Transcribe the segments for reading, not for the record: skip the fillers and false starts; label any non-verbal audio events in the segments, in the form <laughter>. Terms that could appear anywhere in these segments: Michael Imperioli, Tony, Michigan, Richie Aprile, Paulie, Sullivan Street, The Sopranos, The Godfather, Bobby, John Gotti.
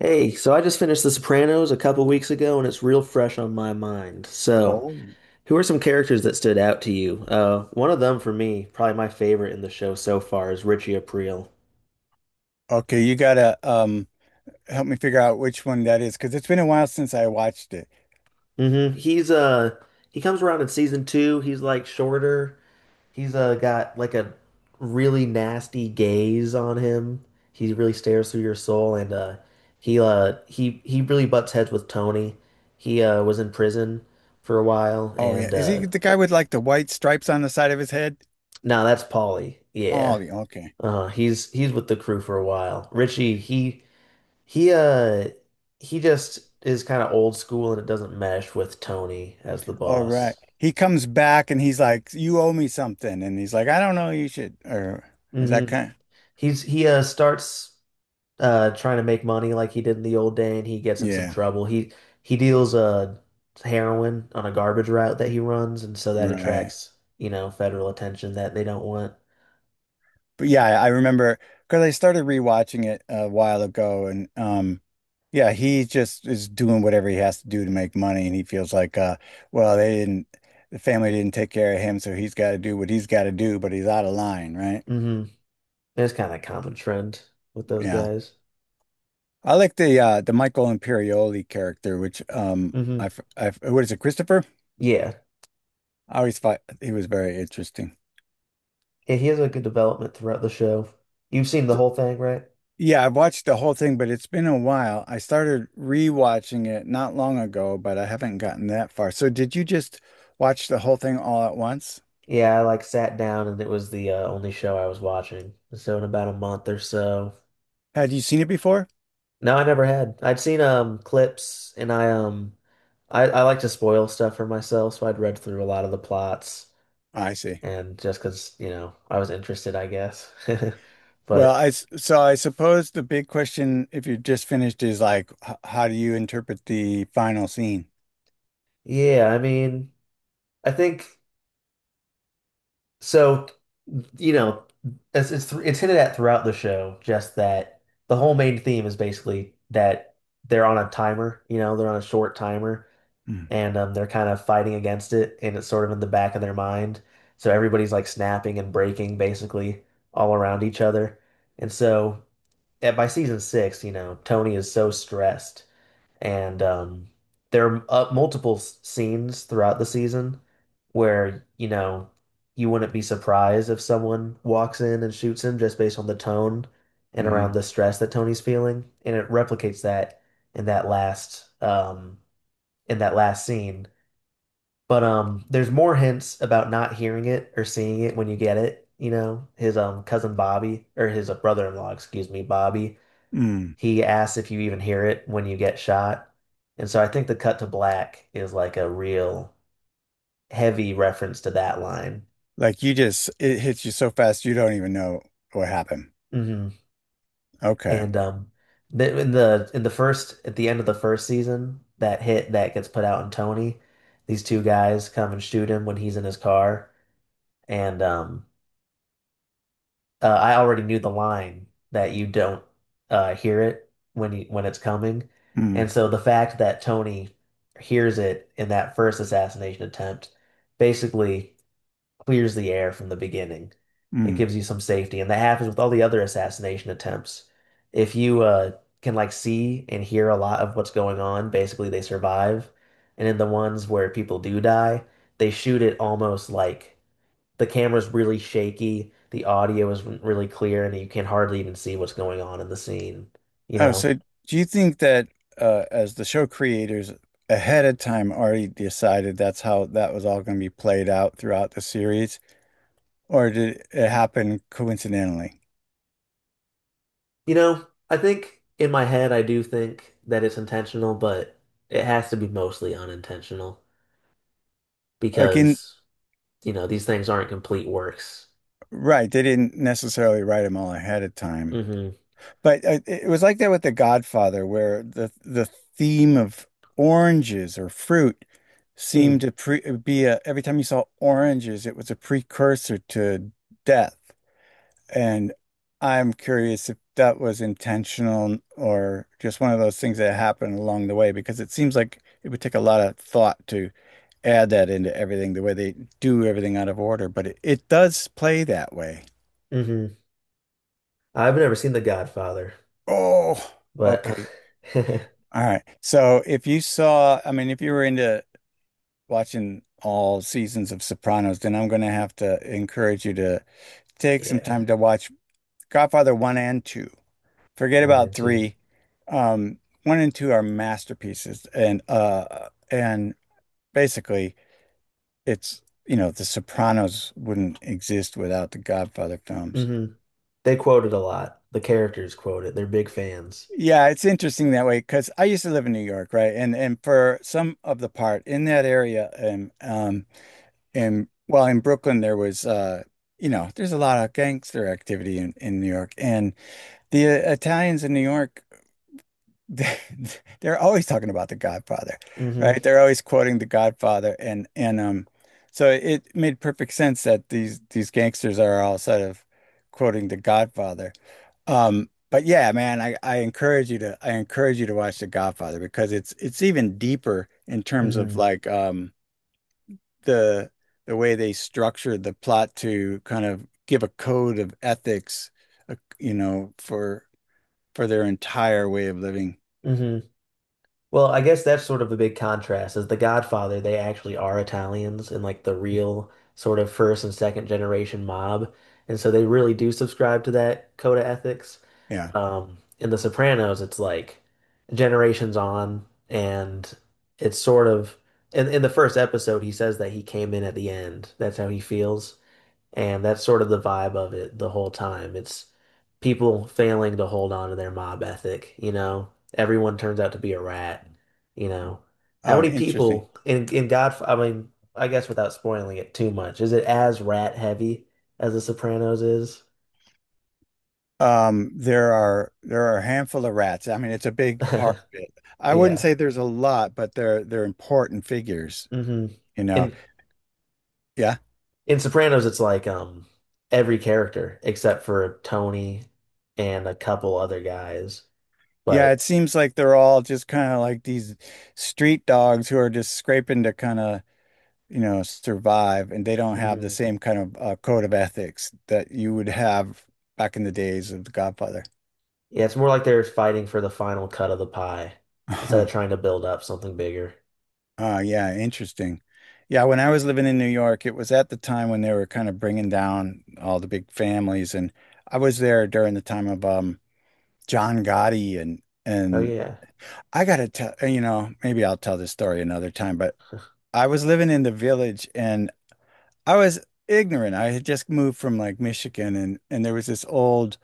Hey, so I just finished The Sopranos a couple weeks ago and it's real fresh on my mind. So, Oh, who are some characters that stood out to you? One of them for me, probably my favorite in the show so far, is Richie Aprile. okay. You gotta help me figure out which one that is because it's been a while since I watched it. Hmm. He comes around in season two. He's like shorter. He's got like a really nasty gaze on him. He really stares through your soul, and he really butts heads with Tony. He was in prison for a while, Oh yeah, and is he the guy with like the white stripes on the side of his head? no, that's Paulie. Oh, Yeah. Okay. He's with the crew for a while. Richie, he uh he just is kind of old school, and it doesn't mesh with Tony as the All right. boss. He comes back and he's like, "You owe me something," and he's like, "I don't know. You should." Or is Hmm. that kind? He starts trying to make money like he did in the old day, and he gets in some Yeah. trouble. He deals heroin on a garbage route that he runs, and so that Right. attracts federal attention that they don't want. But yeah, I remember because I started rewatching it a while ago, and yeah, he just is doing whatever he has to do to make money, and he feels like, well, the family didn't take care of him, so he's got to do what he's got to do, but he's out of line, right? Hmm. It's kind of a common trend with those Yeah, guys. I like the Michael Imperioli character, which, Hmm. What is it, Christopher? Yeah, I always thought he was very interesting. yeah, he has a good development throughout the show. You've seen the whole thing, right? Yeah, I've watched the whole thing, but it's been a while. I started rewatching it not long ago, but I haven't gotten that far. So did you just watch the whole thing all at once? Yeah, I like sat down and it was the only show I was watching. So in about a month or so. Had you seen it before? No, I never had. I'd seen clips, and I like to spoil stuff for myself, so I'd read through a lot of the plots, I see. and just 'cause I was interested, I guess. <laughs> Well, But so I suppose the big question, if you just finished, is like, how do you interpret the final scene? yeah, I mean, I think. So, you know, it's hinted at throughout the show, just that the whole main theme is basically that they're on a timer they're on a short timer, Mm. and they're kind of fighting against it, and it's sort of in the back of their mind. So everybody's like snapping and breaking basically all around each other, and so by season six Tony is so stressed, and there are multiple scenes throughout the season where you wouldn't be surprised if someone walks in and shoots him just based on the tone and around Mhm. the stress that Tony's feeling. And it replicates that in that last um, in that last scene. But there's more hints about not hearing it or seeing it when you get it. You know, his cousin Bobby, or his brother-in-law, excuse me, Bobby, Mm. he asks if you even hear it when you get shot. And so I think the cut to black is like a real heavy reference to that line. Like, you just it hits you so fast you don't even know what happened. Hmm. Okay. And the, in the in the first at the end of the first season, that hit that gets put out on Tony, these two guys come and shoot him when he's in his car. And I already knew the line that you don't hear it when it's coming, Mm, and so the fact that Tony hears it in that first assassination attempt basically clears the air from the beginning. It mm. gives you some safety, and that happens with all the other assassination attempts. If you can like see and hear a lot of what's going on, basically they survive, and in the ones where people do die, they shoot it almost like the camera's really shaky, the audio isn't really clear, and you can hardly even see what's going on in the scene, you Oh, know? so do you think that as the show creators ahead of time already decided that's how that was all going to be played out throughout the series, or did it happen coincidentally? You know, I think in my head I do think that it's intentional, but it has to be mostly unintentional Like in because these things aren't complete works. Right, they didn't necessarily write them all ahead of time, Hmm. but it was like that with The Godfather, where the theme of oranges or fruit Mm. seemed to pre be a every time you saw oranges, it was a precursor to death. And I'm curious if that was intentional or just one of those things that happened along the way, because it seems like it would take a lot of thought to add that into everything, the way they do everything out of order, but it does play that way. Hmm. I've never seen The Godfather, Oh, but okay. <laughs> All right. So if you saw, I mean, if you were into watching all seasons of Sopranos, then I'm going to have to encourage you to take some yeah, time to watch Godfather 1 and 2. Forget one about and 2. three. Um, One and two are masterpieces, and and basically, it's The Sopranos wouldn't exist without the Godfather films. Hmm. They quote it a lot. The characters quote it. They're big fans. Yeah, it's interesting that way because I used to live in New York, right? And for some of the part in that area, and and well, in Brooklyn there's a lot of gangster activity in New York, and the Italians in New York <laughs> they're always talking about The Godfather, Hmm. right? They're always quoting The Godfather, and so it made perfect sense that these gangsters are all sort of quoting The Godfather. But yeah, man, I encourage you to watch The Godfather because it's even deeper in terms of Hmm. like the the way they structured the plot to kind of give a code of ethics, uh, you know, for for their entire way of living. Hmm. Well, I guess that's sort of a big contrast is The Godfather, they actually are Italians and like the real sort of first and second generation mob. And so they really do subscribe to that code of ethics. Yeah. In The Sopranos, it's like generations on, and it's sort of in the first episode he says that he came in at the end. That's how he feels. And that's sort of the vibe of it the whole time. It's people failing to hold on to their mob ethic, you know? Everyone turns out to be a rat, you know? How Oh, many interesting. people in God, I mean, I guess without spoiling it too much, is it as rat heavy as The Sopranos is? There are a handful of rats. I mean, it's a big part of <laughs> it. I wouldn't Yeah. say there's a lot, but they're important figures, Hmm. you know. In Yeah. in Sopranos, it's like every character except for Tony and a couple other guys, Yeah, it but seems like they're all just kind of like these street dogs who are just scraping to kind of, survive, and they don't have the mhm. same kind of code of ethics that you would have back in the days of The Godfather. Yeah, it's more like they're fighting for the final cut of the pie instead of <laughs> trying to build up something bigger. Ah, yeah, interesting. Yeah, when I was living in New York, it was at the time when they were kind of bringing down all the big families, and I was there during the time of John Gotti and Oh and yeah. I gotta tell maybe I'll tell this story another time, but I was living in the Village, and I was ignorant. I had just moved from like Michigan, and there was this old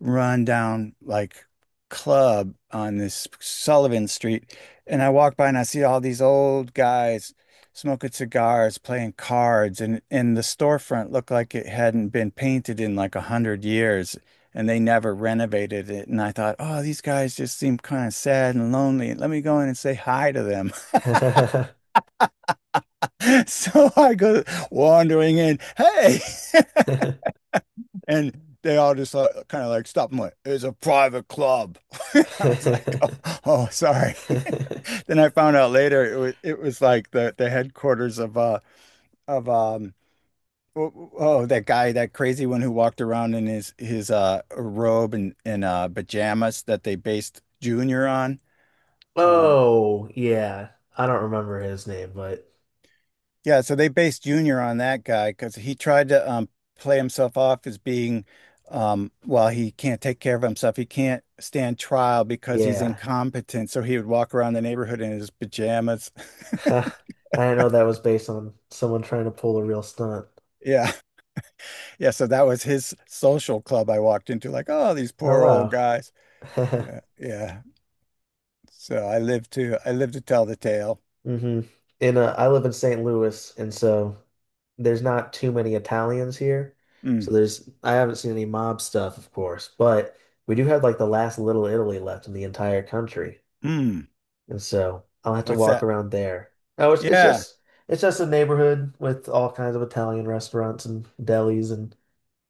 rundown like club on this Sullivan Street, and I walk by and I see all these old guys smoking cigars, playing cards, and the storefront looked like it hadn't been painted in like 100 years, and they never renovated it, and I thought, "Oh, these guys just seem kind of sad and lonely. Let me go in and say hi to them." <laughs> <laughs> So I go wandering in, "Hey," and they all just like, kind of like stopped and went, "It's a private club." <laughs> I was like, oh, sorry. <laughs> Then I found out later it was like the headquarters of of um oh, that guy, that crazy one, who walked around in his robe and pajamas that they based Junior on. Um, Oh yeah. I don't remember his name, but Yeah, so they based Junior on that guy because he tried to play himself off as being, well, he can't take care of himself. He can't stand trial because he's yeah. incompetent. So he would walk around the neighborhood in his pajamas. <laughs> <laughs> I didn't know that was based on someone trying to pull a real stunt. Yeah. Yeah. So that was his social club I walked into, like, oh, these Oh poor old wow. guys. <laughs> Yeah. Yeah. So I live to tell the tale. Hmm. And I live in St. Louis, and so there's not too many Italians here. Mm. So there's I haven't seen any mob stuff, of course, but we do have like the last Little Italy left in the entire country, Mm. and so I'll have to What's walk that? around there. Oh, it's it's Yeah. just it's just a neighborhood with all kinds of Italian restaurants and delis, and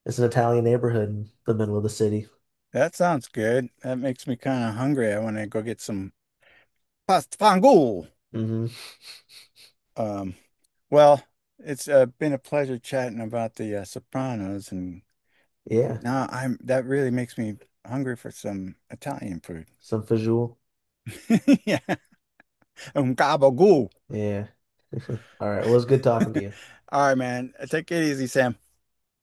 it's an Italian neighborhood in the middle of the city. That sounds good. That makes me kind of hungry. I want to go get some pasta fangool. Hmm. Um, well, it's been a pleasure chatting about the Sopranos, and Yeah, now I'm that really makes me hungry for some Italian food. some fajoule. <laughs> Yeah, gabagool. Yeah. <laughs> All right. Well, it's good talking to <laughs> you. All right, man. Take it easy, Sam.